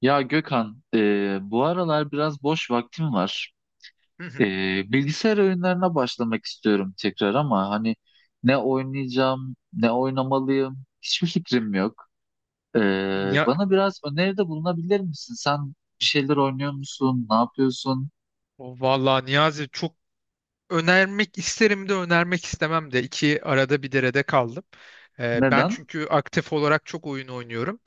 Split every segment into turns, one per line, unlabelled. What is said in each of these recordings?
Ya Gökhan, bu aralar biraz boş vaktim var.
Hı
E,
hı.
Bilgisayar oyunlarına başlamak istiyorum tekrar ama hani ne oynayacağım, ne oynamalıyım, hiçbir fikrim yok. E,
Ya,
Bana biraz öneride bulunabilir misin? Sen bir şeyler oynuyor musun? Ne yapıyorsun?
vallahi Niyazi çok önermek isterim de önermek istemem de iki arada bir derede kaldım. Ben
Neden?
çünkü aktif olarak çok oyun oynuyorum.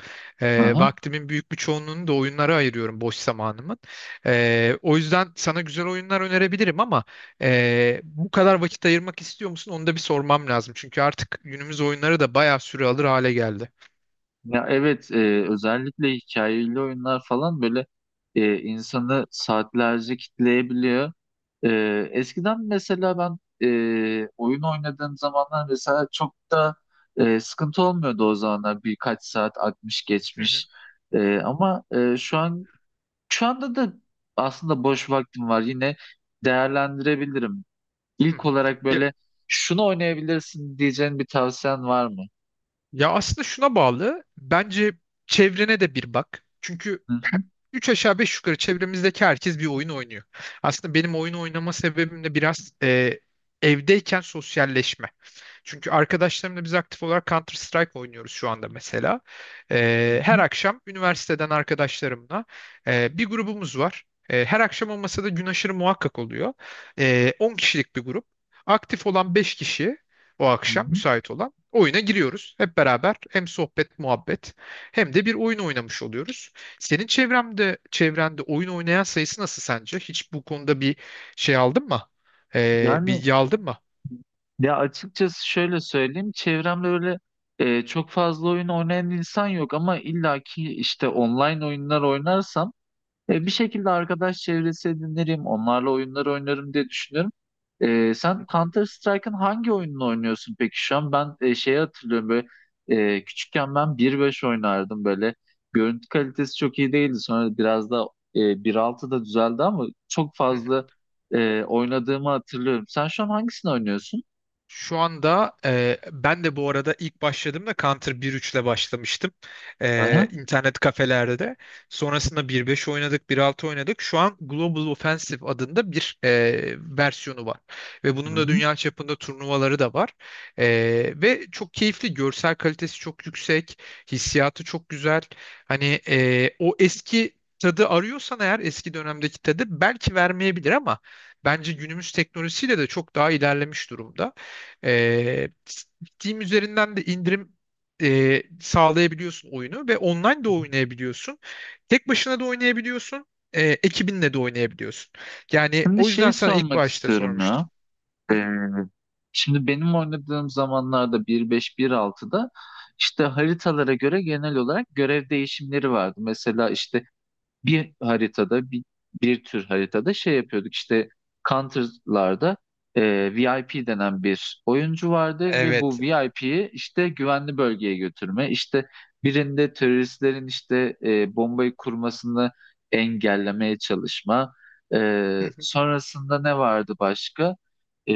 Hı hı.
Vaktimin büyük bir çoğunluğunu da oyunlara ayırıyorum boş zamanımın. O yüzden sana güzel oyunlar önerebilirim ama bu kadar vakit ayırmak istiyor musun? Onu da bir sormam lazım. Çünkü artık günümüz oyunları da bayağı süre alır hale geldi.
Ya evet, özellikle hikayeli oyunlar falan böyle insanı saatlerce kitleyebiliyor. E, Eskiden mesela ben oyun oynadığım zamanlar mesela çok da sıkıntı olmuyordu o zamanlar, birkaç saat akmış
Hı hı,
geçmiş. Ama şu an şu anda da aslında boş vaktim var, yine değerlendirebilirim.
hı
İlk
hı.
olarak böyle şunu oynayabilirsin diyeceğin bir tavsiyen var mı?
Ya aslında şuna bağlı. Bence çevrene de bir bak. Çünkü
Hı hı,
üç aşağı beş yukarı çevremizdeki herkes bir oyun oynuyor. Aslında benim oyun oynama sebebim de biraz evdeyken sosyalleşme. Çünkü arkadaşlarımla biz aktif olarak Counter Strike oynuyoruz şu anda mesela.
hı
Her
hı,
akşam üniversiteden arkadaşlarımla bir grubumuz var. Her akşam olmasa da gün aşırı muhakkak oluyor. 10 kişilik bir grup. Aktif olan 5 kişi o
hı
akşam
hı.
müsait olan. Oyuna giriyoruz. Hep beraber hem sohbet, muhabbet hem de bir oyun oynamış oluyoruz. Senin çevremde, çevrende oyun oynayan sayısı nasıl sence? Hiç bu konuda bir şey aldın mı?
Yani
Bilgi aldın mı?
Ya açıkçası şöyle söyleyeyim, çevremde öyle çok fazla oyun oynayan insan yok ama illaki işte online oyunlar oynarsam bir şekilde arkadaş çevresi edinirim, onlarla oyunlar oynarım diye düşünüyorum.
Hı
Sen Counter Strike'ın hangi oyununu oynuyorsun peki şu an? Ben şeyi hatırlıyorum böyle, küçükken ben bir beş oynardım böyle. Görüntü kalitesi çok iyi değildi. Sonra biraz da bir altı da düzeldi ama çok
hı.
fazla oynadığımı hatırlıyorum. Sen şu an hangisini oynuyorsun?
Şu anda ben de bu arada ilk başladığımda Counter 1.3 ile başlamıştım. İnternet kafelerde de. Sonrasında 1.5 oynadık, 1.6 oynadık. Şu an Global Offensive adında bir versiyonu var. Ve
Hı
bunun da
hı.
dünya çapında turnuvaları da var. E, Ve çok keyifli. Görsel kalitesi çok yüksek. Hissiyatı çok güzel. Hani o eski tadı arıyorsan eğer eski dönemdeki tadı belki vermeyebilir ama bence günümüz teknolojisiyle de çok daha ilerlemiş durumda. Ee, Steam üzerinden de indirim sağlayabiliyorsun oyunu ve online de oynayabiliyorsun. Tek başına da oynayabiliyorsun. Ekibinle de oynayabiliyorsun. Yani
Şimdi
o yüzden
şeyi
sana ilk
sormak
başta
istiyorum
sormuştum.
ya.
Hı
Ee,
hı,
şimdi benim oynadığım zamanlarda bir beş bir altıda işte haritalara göre genel olarak görev değişimleri vardı. Mesela işte bir haritada bir, bir tür haritada şey yapıyorduk işte, Counter'larda VIP denen bir oyuncu vardı ve
evet.
bu VIP'yi işte güvenli bölgeye götürme, işte birinde teröristlerin işte bombayı kurmasını engellemeye çalışma.
Hı hı.
Sonrasında ne vardı başka? E,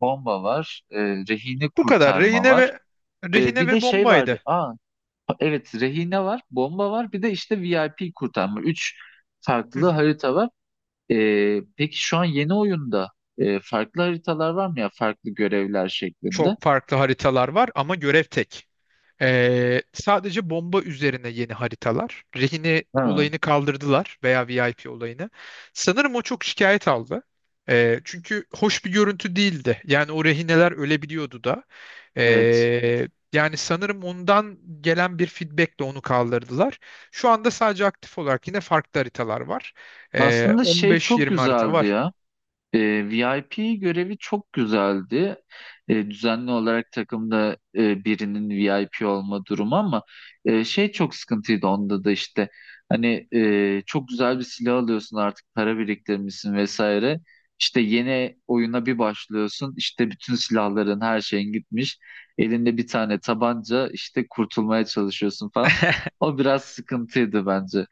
Bomba var, rehini
Bu kadar.
kurtarma
Rehine
var,
ve Rehine
Bir de
ve
şey vardı,
Bombay'dı.
aa evet, rehine var, bomba var, bir de işte VIP kurtarma. Üç
Hı
farklı
hı.
harita var. Peki şu an yeni oyunda farklı haritalar var mı ya? Farklı görevler şeklinde.
Çok farklı haritalar var ama görev tek. Sadece bomba üzerine yeni haritalar. Rehine
Ha,
olayını kaldırdılar veya VIP olayını. Sanırım o çok şikayet aldı. Çünkü hoş bir görüntü değildi. Yani o rehineler ölebiliyordu da.
evet.
Ee, Yani sanırım ondan gelen bir feedbackle onu kaldırdılar. Şu anda sadece aktif olarak yine farklı haritalar var.
Aslında şey çok
15-20 harita
güzeldi
var.
ya. E, VIP görevi çok güzeldi. Düzenli olarak takımda birinin VIP olma durumu ama şey çok sıkıntıydı onda da işte. Hani çok güzel bir silah alıyorsun, artık para biriktirmişsin vesaire. İşte yeni oyuna bir başlıyorsun, işte bütün silahların her şeyin gitmiş. Elinde bir tane tabanca işte kurtulmaya çalışıyorsun falan. O biraz sıkıntıydı bence.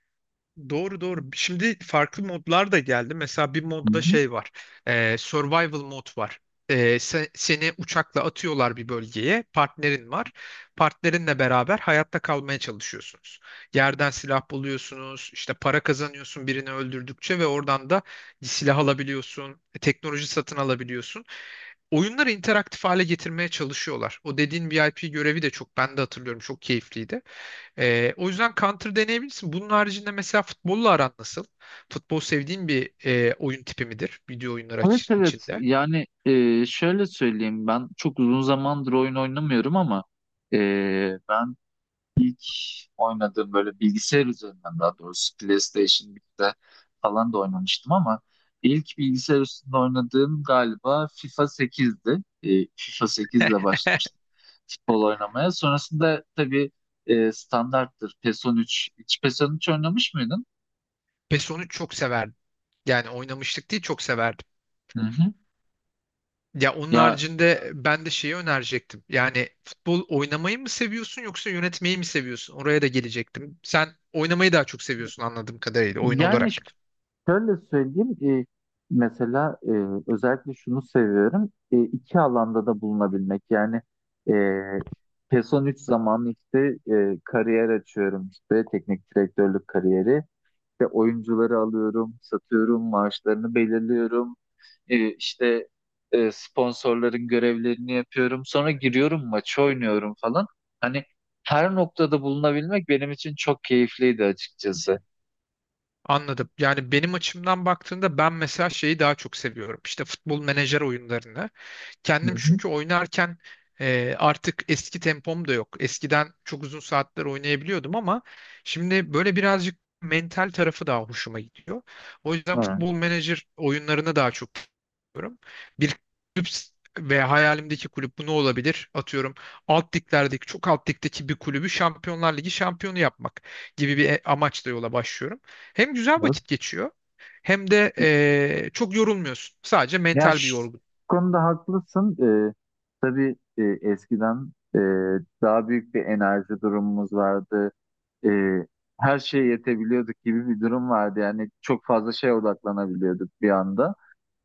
Doğru doğru. Şimdi farklı modlar da geldi. Mesela bir modda şey var. Survival mod var. Seni uçakla atıyorlar bir bölgeye. Partnerin var. Partnerinle beraber hayatta kalmaya çalışıyorsunuz. Yerden silah buluyorsunuz. İşte para kazanıyorsun birini öldürdükçe ve oradan da silah alabiliyorsun. Teknoloji satın alabiliyorsun. Oyunları interaktif hale getirmeye çalışıyorlar. O dediğin VIP görevi de çok ben de hatırlıyorum çok keyifliydi. O yüzden counter deneyebilirsin. Bunun haricinde mesela futbolla aran nasıl? Futbol sevdiğin bir oyun tipi midir?
Evet evet,
İçinde.
yani şöyle söyleyeyim, ben çok uzun zamandır oyun oynamıyorum ama e, ben ilk oynadığım böyle bilgisayar üzerinden, daha doğrusu PlayStation 1'de falan da oynamıştım ama ilk bilgisayar üstünde oynadığım galiba FIFA 8'di. FIFA 8 ile başlamıştım futbol oynamaya. Sonrasında tabii standarttır PES 13. Hiç PES 13 oynamış mıydın?
PES onu çok severdim. Yani oynamıştık değil çok severdim.
Hı hı.
Ya onun
Ya
haricinde ben de şeyi önerecektim. Yani futbol oynamayı mı seviyorsun yoksa yönetmeyi mi seviyorsun? Oraya da gelecektim. Sen oynamayı daha çok seviyorsun anladığım kadarıyla oyun
yani
olarak.
Şöyle söyleyeyim, mesela özellikle şunu seviyorum, iki alanda da bulunabilmek. Yani e, PESON 3 zamanı işte kariyer açıyorum işte, teknik direktörlük kariyeri. İşte oyuncuları alıyorum, satıyorum, maaşlarını belirliyorum. E, işte sponsorların görevlerini yapıyorum. Sonra
Hı hı.
giriyorum, maçı oynuyorum falan. Hani her noktada bulunabilmek benim için çok keyifliydi açıkçası.
Anladım. Yani benim açımdan baktığında ben mesela şeyi daha çok seviyorum. İşte futbol menajer oyunlarını.
Hı
Kendim
hı.
çünkü oynarken artık eski tempom da yok. Eskiden çok uzun saatler oynayabiliyordum ama şimdi böyle birazcık mental tarafı daha hoşuma gidiyor. O yüzden
Hı.
futbol menajer oyunlarına daha çok seviyorum ve hayalimdeki kulüp bu ne olabilir? Atıyorum alt liglerdeki çok alt ligdeki bir kulübü Şampiyonlar Ligi şampiyonu yapmak gibi bir amaçla yola başlıyorum. Hem güzel
Evet.
vakit geçiyor hem de çok yorulmuyorsun. Sadece
Ya
mental bir
şu
yorgun.
konuda haklısın. Ee, tabii eskiden daha büyük bir enerji durumumuz vardı. Ee, her şeye yetebiliyorduk gibi bir durum vardı. Yani çok fazla şeye odaklanabiliyorduk bir anda.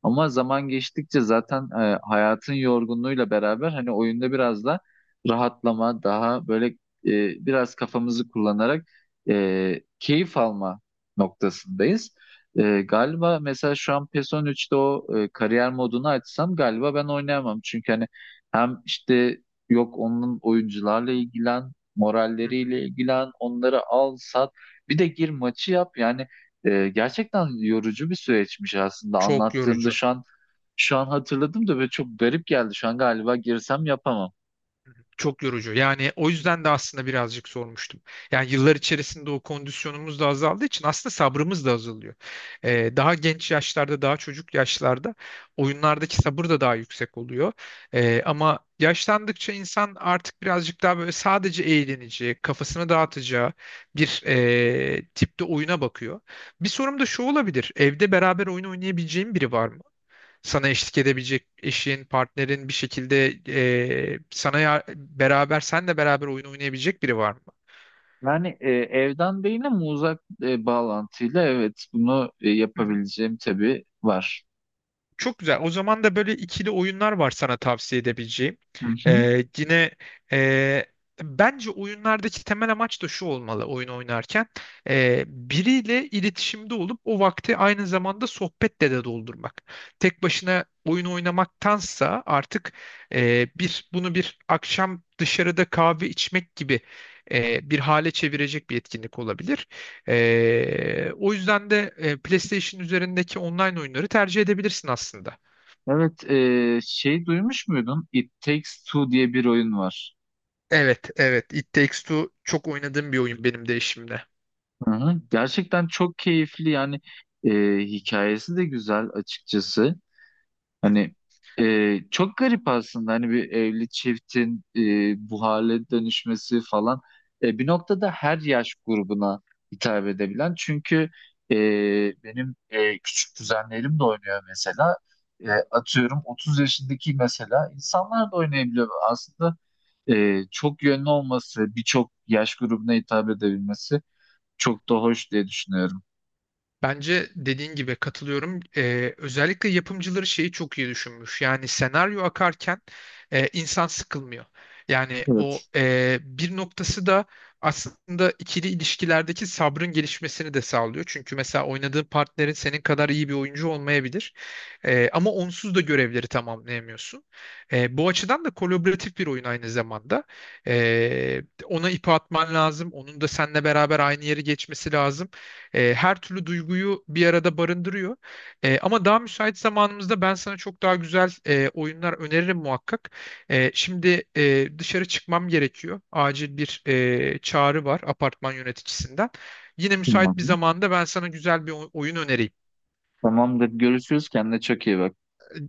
Ama zaman geçtikçe zaten hayatın yorgunluğuyla beraber hani oyunda biraz da rahatlama, daha böyle biraz kafamızı kullanarak keyif alma noktasındayız. Galiba mesela şu an PES 13'te o kariyer modunu açsam galiba ben oynayamam. Çünkü hani hem işte yok, onun oyuncularla ilgilen,
Hı
moralleriyle
hı.
ilgilen, onları al, sat, bir de gir maçı yap, yani gerçekten yorucu bir süreçmiş aslında,
Çok
anlattığımda
yorucu.
şu an hatırladım da böyle çok garip geldi. Şu an galiba girsem yapamam.
Çok yorucu. Yani o yüzden de aslında birazcık sormuştum. Yani yıllar içerisinde o kondisyonumuz da azaldığı için aslında sabrımız da azalıyor. Daha genç yaşlarda, daha çocuk yaşlarda oyunlardaki sabır da daha yüksek oluyor. Ama yaşlandıkça insan artık birazcık daha böyle sadece eğleneceği, kafasını dağıtacağı bir tipte oyuna bakıyor. Bir sorum da şu olabilir. Evde beraber oyun oynayabileceğim biri var mı? Sana eşlik edebilecek eşin, partnerin bir şekilde sana senle beraber oyun oynayabilecek biri var mı?
Yani evden değil ama uzak bağlantıyla evet, bunu yapabileceğim tabii var.
Çok güzel. O zaman da böyle ikili oyunlar var sana tavsiye edebileceğim.
Hı hı.
Ee, yine e, Bence oyunlardaki temel amaç da şu olmalı oyun oynarken. Biriyle iletişimde olup o vakti aynı zamanda sohbetle de doldurmak. Tek başına oyun oynamaktansa artık e, bir bunu bir akşam dışarıda kahve içmek gibi bir hale çevirecek bir etkinlik olabilir. O yüzden de PlayStation üzerindeki online oyunları tercih edebilirsin aslında.
Evet, şey duymuş muydun? It Takes Two diye bir oyun var.
Evet, evet. It Takes Two çok oynadığım bir oyun benim de eşimde.
Hı hı. Gerçekten çok keyifli, yani hikayesi de güzel açıkçası. Hani çok garip aslında, hani bir evli çiftin bu hale dönüşmesi falan. Bir noktada her yaş grubuna hitap edebilen, çünkü e, benim küçük kuzenlerim de oynuyor mesela. Atıyorum, 30 yaşındaki mesela insanlar da oynayabiliyor aslında, çok yönlü olması, birçok yaş grubuna hitap edebilmesi çok da hoş diye düşünüyorum.
Bence dediğin gibi katılıyorum. Özellikle yapımcıları şeyi çok iyi düşünmüş. Yani senaryo akarken insan sıkılmıyor. Yani o
Evet.
bir noktası da aslında ikili ilişkilerdeki sabrın gelişmesini de sağlıyor. Çünkü mesela oynadığın partnerin senin kadar iyi bir oyuncu olmayabilir. Ama onsuz da görevleri tamamlayamıyorsun. Bu açıdan da kolaboratif bir oyun aynı zamanda. Ona ipi atman lazım. Onun da seninle beraber aynı yeri geçmesi lazım. Her türlü duyguyu bir arada barındırıyor. Ama daha müsait zamanımızda ben sana çok daha güzel oyunlar öneririm muhakkak. Şimdi dışarı çıkmam gerekiyor. Acil bir çağrı var apartman yöneticisinden. Yine müsait bir
Tamamdır.
zamanda ben sana güzel bir oyun önereyim.
Tamamdır. Görüşürüz. Kendine çok iyi bak.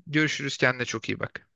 Görüşürüz kendine çok iyi bak.